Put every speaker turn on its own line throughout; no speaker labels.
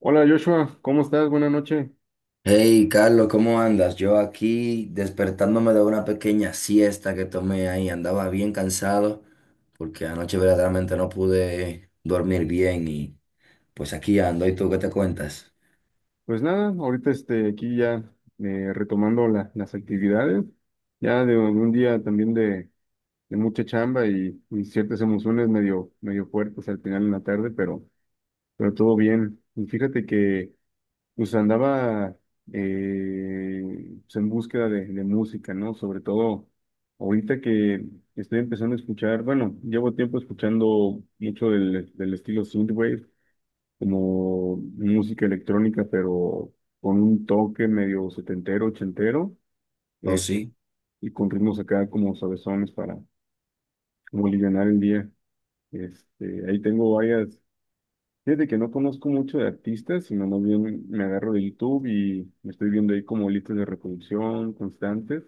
Hola Joshua, ¿cómo estás? Buenas noches.
Hey, Carlos, ¿cómo andas? Yo aquí despertándome de una pequeña siesta que tomé ahí. Andaba bien cansado porque anoche verdaderamente no pude dormir bien y pues aquí ando. ¿Y tú qué te cuentas?
Pues nada, ahorita aquí ya retomando las actividades, ya de un día también de mucha chamba y ciertas emociones medio, medio fuertes al final en la tarde, pero todo bien. Y fíjate que pues andaba en búsqueda de música, ¿no? Sobre todo ahorita que estoy empezando a escuchar, bueno, llevo tiempo escuchando mucho del estilo synthwave como música electrónica, pero con un toque medio setentero, ochentero,
Oh,
eh,
sí,
y con ritmos acá como sabesones para como alivianar el día. Este, ahí tengo varias, fíjate que no conozco mucho de artistas, sino más bien me agarro de YouTube y me estoy viendo ahí como listas de reproducción constantes,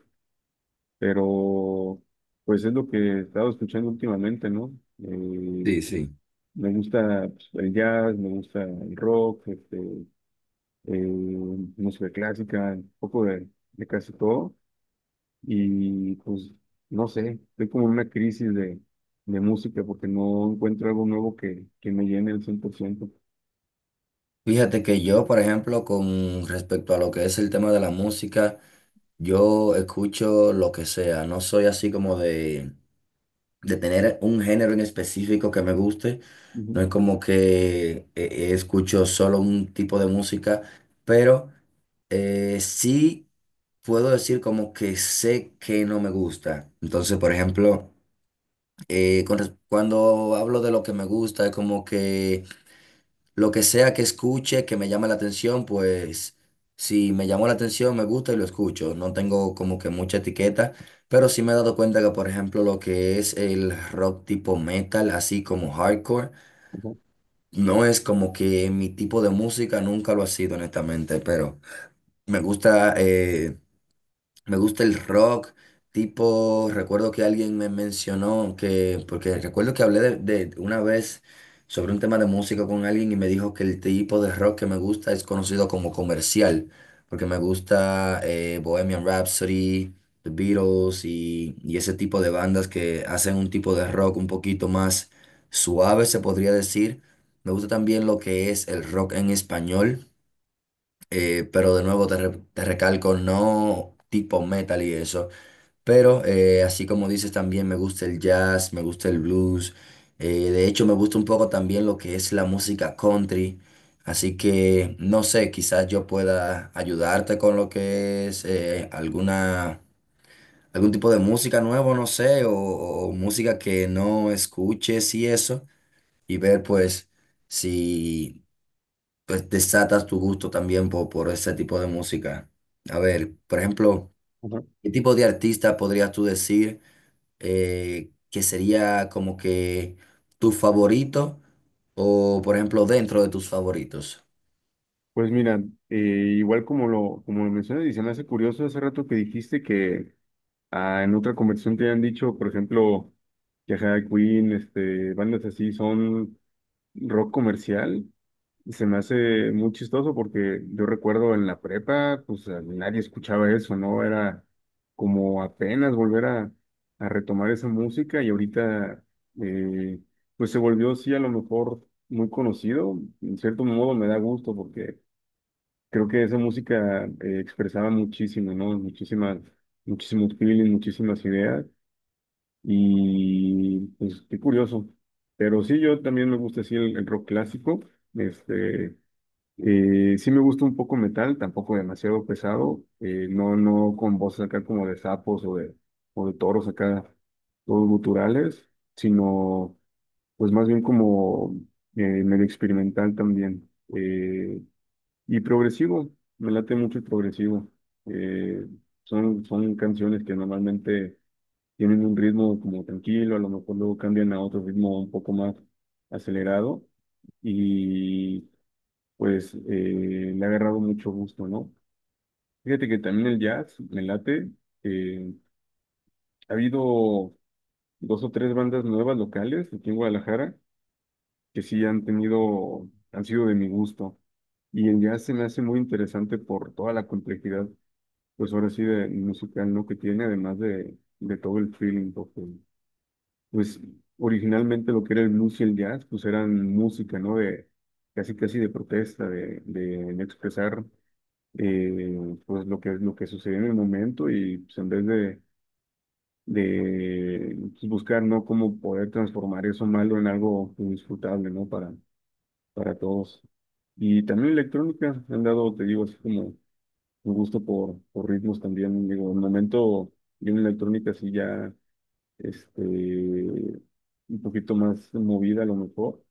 pero pues es lo que he estado escuchando últimamente, ¿no? Eh,
sí, sí.
Me gusta pues, el jazz, me gusta el rock, eh, música clásica, un poco de casi todo. Y pues, no sé, estoy como en una crisis de música porque no encuentro algo nuevo que me llene el 100%.
Fíjate que yo, por ejemplo, con respecto a lo que es el tema de la música, yo escucho lo que sea. No soy así como de tener un género en específico que me guste. No
Ujú,
es como que escucho solo un tipo de música, pero sí puedo decir como que sé que no me gusta. Entonces, por ejemplo, cuando hablo de lo que me gusta, es como que lo que sea que escuche, que me llame la atención, pues si me llamó la atención, me gusta y lo escucho. No tengo como que mucha etiqueta, pero sí me he dado cuenta que, por ejemplo, lo que es el rock tipo metal, así como hardcore,
ujú,
no es como que mi tipo de música, nunca lo ha sido, honestamente, pero me gusta, eh, me gusta el rock, tipo, recuerdo que alguien me mencionó que, porque recuerdo que hablé de una vez sobre un tema de música con alguien y me dijo que el tipo de rock que me gusta es conocido como comercial, porque me gusta Bohemian Rhapsody, The Beatles y ese tipo de bandas que hacen un tipo de rock un poquito más suave, se podría decir. Me gusta también lo que es el rock en español. Pero de nuevo te, te recalco, no tipo metal y eso. Pero así como dices, también me gusta el jazz, me gusta el blues. De hecho, me gusta un poco también lo que es la música country. Así que no sé, quizás yo pueda ayudarte con lo que es alguna, algún tipo de música nuevo, no sé, o música que no escuches y eso. Y ver pues si pues desatas tu gusto también por ese tipo de música. A ver, por ejemplo,
ujú.
¿qué tipo de artista podrías tú decir que sería como que tu favorito o, por ejemplo, dentro de tus favoritos?
Pues mira, eh, igual como lo mencionas, y se me hace curioso hace rato que dijiste que ah, en otra conversación te han dicho, por ejemplo, que ajá, Queen, este, bandas así son rock comercial. Se me hace muy chistoso porque yo recuerdo en la prepa, nadie escuchaba eso, ¿no? Era como apenas volver a retomar esa música y ahorita, eh, pues se volvió, sí, a lo mejor muy conocido. En cierto modo me da gusto porque creo que esa música expresaba muchísimo, ¿no? Muchísimas, muchísimos feelings, muchísimas ideas y pues qué curioso. Pero sí, yo también me gusta, sí, el rock clásico. Este, sí me gusta un poco metal, tampoco demasiado pesado, no, no con voces acá como de sapos o de toros acá, todos guturales, sino pues más bien como medio experimental también. eh, y progresivo, me late mucho el progresivo. eh, Son, son canciones que normalmente tienen un ritmo como tranquilo, a lo mejor luego cambian a otro ritmo un poco más acelerado y pues le ha agarrado mucho gusto, ¿no? Fíjate que también el jazz me late. eh, Ha habido dos o tres bandas nuevas locales aquí en Guadalajara que sí han tenido, han sido de mi gusto. Y el jazz se me hace muy interesante por toda la complejidad, pues ahora sí, de musical, ¿no? Que tiene, además de todo el feeling, porque, pues originalmente lo que era el blues y el jazz, pues eran música, ¿no? De casi, casi de protesta, de expresar. Pues lo que sucedió en el momento y pues, en vez de pues, buscar, ¿no? Cómo poder transformar eso malo en algo disfrutable, ¿no? Para todos. Y también electrónica, han dado, te digo, así como un gusto por ritmos también, digo, en el momento yo en electrónica sí ya, un poquito más movida a lo mejor,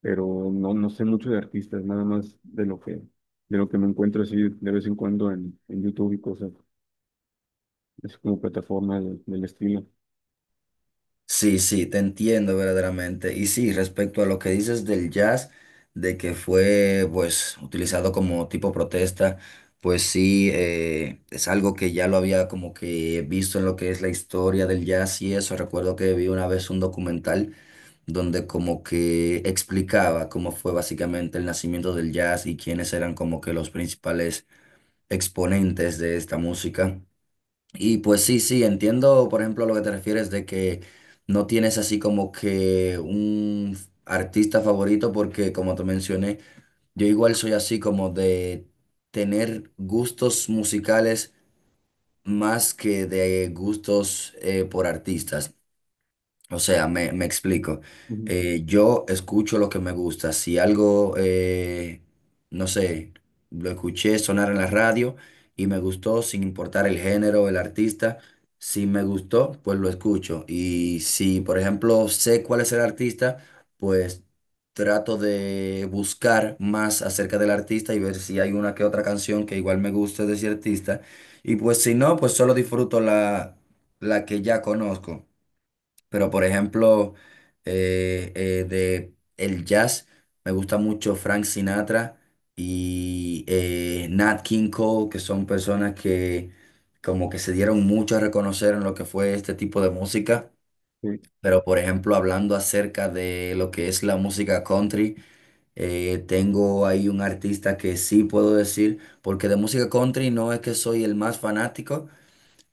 pero no, no sé mucho de artistas, nada más de lo que me encuentro así de vez en cuando en YouTube y cosas. Es como plataforma del estilo.
Sí, sí, te entiendo verdaderamente. Y sí, respecto a lo que dices del jazz, de que fue pues utilizado como tipo protesta, pues sí, es algo que ya lo había como que visto en lo que es la historia del jazz y eso. Recuerdo que vi una vez un documental donde como que explicaba cómo fue básicamente el nacimiento del jazz y quiénes eran como que los principales exponentes de esta música. Y pues sí, sí, entiendo, por ejemplo, a lo que te refieres de que no tienes así como que un artista favorito, porque como te mencioné, yo igual soy así como de tener gustos musicales más que de gustos por artistas. O sea, me explico.
Ujú.
Yo escucho lo que me gusta. Si algo, no sé, lo escuché sonar en la radio y me gustó, sin importar el género o el artista, si me gustó, pues lo escucho. Y si, por ejemplo, sé cuál es el artista, pues trato de buscar más acerca del artista y ver si hay una que otra canción que igual me guste de ese artista. Y pues si no, pues solo disfruto la, la que ya conozco. Pero por ejemplo, de el jazz, me gusta mucho Frank Sinatra y Nat King Cole, que son personas que como que se dieron mucho a reconocer en lo que fue este tipo de música.
Sí,
Pero por ejemplo, hablando acerca de lo que es la música country, tengo ahí un artista que sí puedo decir, porque de música country no es que soy el más fanático,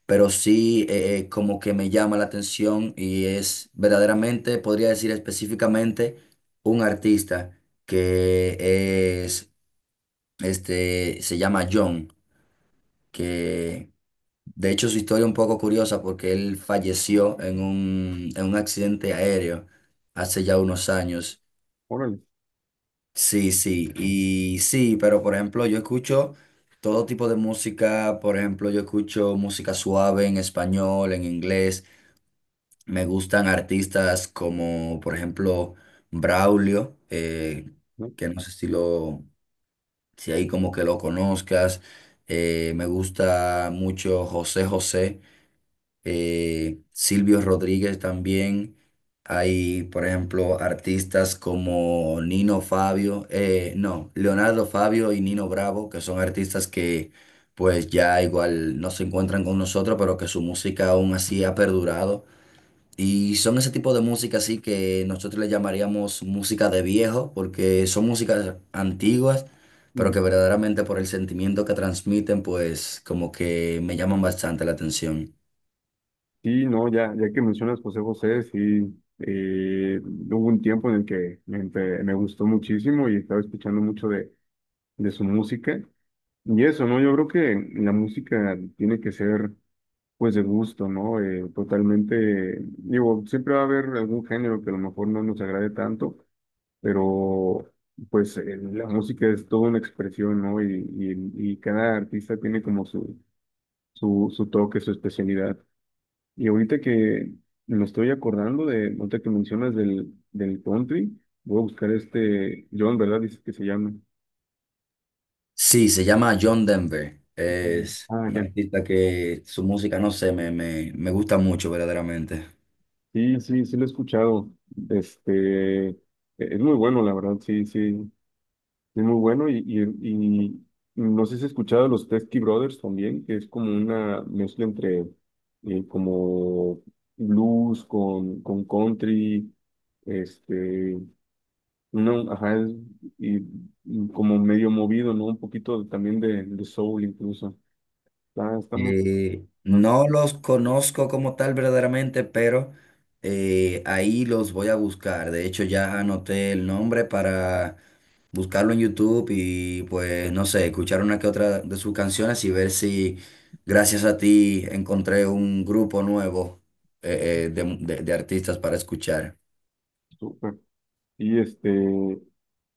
pero sí como que me llama la atención y es verdaderamente, podría decir específicamente, un artista que es, este, se llama John, que de hecho su historia es un poco curiosa porque él falleció en un accidente aéreo hace ya unos años.
órale,
Sí, sí, y sí, pero por ejemplo yo escucho todo tipo de música, por ejemplo yo escucho música suave en español, en inglés. Me gustan artistas como, por ejemplo, Braulio,
¿no?
que no sé si lo, si ahí como que lo conozcas. Me gusta mucho José José, Silvio Rodríguez también. Hay, por ejemplo, artistas como Nino Fabio, no, Leonardo Fabio y Nino Bravo, que son artistas que pues ya igual no se encuentran con nosotros, pero que su música aún así ha perdurado. Y son ese tipo de música así que nosotros le llamaríamos música de viejo, porque son músicas antiguas, pero
Ujú.
que verdaderamente por el sentimiento que transmiten, pues como que me llaman bastante la atención.
Sí, no, ya, ya que mencionas José José, sí, hubo un tiempo en el que me, me gustó muchísimo y estaba escuchando mucho de su música. Y eso, ¿no? Yo creo que la música tiene que ser, pues, de gusto, ¿no? Totalmente, digo, siempre va a haber algún género que a lo mejor no nos agrade tanto, pero pues la música es toda una expresión, ¿no? Y cada artista tiene como su toque, su especialidad. Y ahorita que me estoy acordando de, ahorita que mencionas del, del country, voy a buscar este, John, ¿verdad? Dice que se llama.
Sí, se llama John Denver.
Ujú.
Es
Ah,
un
ya.
artista que su música, no sé, me gusta mucho verdaderamente.
Sí, sí, sí lo he escuchado. Este, e-, es muy bueno, la verdad, sí, sí. Es muy bueno y, y no sé si has escuchado los Testy Brothers también, que es como una mezcla entre como blues con country, este, uno, ajá, y, y como medio movido, ¿no? Un poquito también de soul incluso. Está, está muy, ah,
No los conozco como tal verdaderamente, pero ahí los voy a buscar. De hecho, ya anoté el nombre para buscarlo en YouTube y pues no sé, escuchar una que otra de sus canciones y ver si gracias a ti encontré un grupo nuevo de, de artistas para escuchar.
súper. Y este,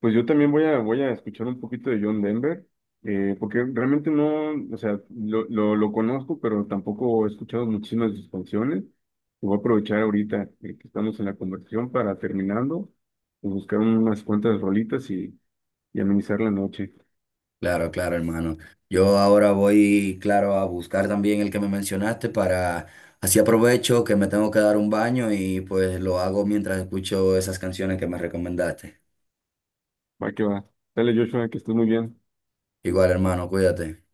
pues yo también voy a, voy a escuchar un poquito de John Denver, porque realmente no, o sea, lo conozco, pero tampoco he escuchado muchísimas de sus canciones. Y voy a aprovechar ahorita que estamos en la conversación para terminando, pues, buscar unas cuantas rolitas y amenizar la noche.
Claro, claro, hermano. Yo ahora voy, claro, a buscar también el que me mencionaste para, así aprovecho que me tengo que dar un baño y pues lo hago mientras escucho esas canciones que me recomendaste.
Va que va. Dale, Joshua, que estés muy bien.
Igual, hermano, cuídate.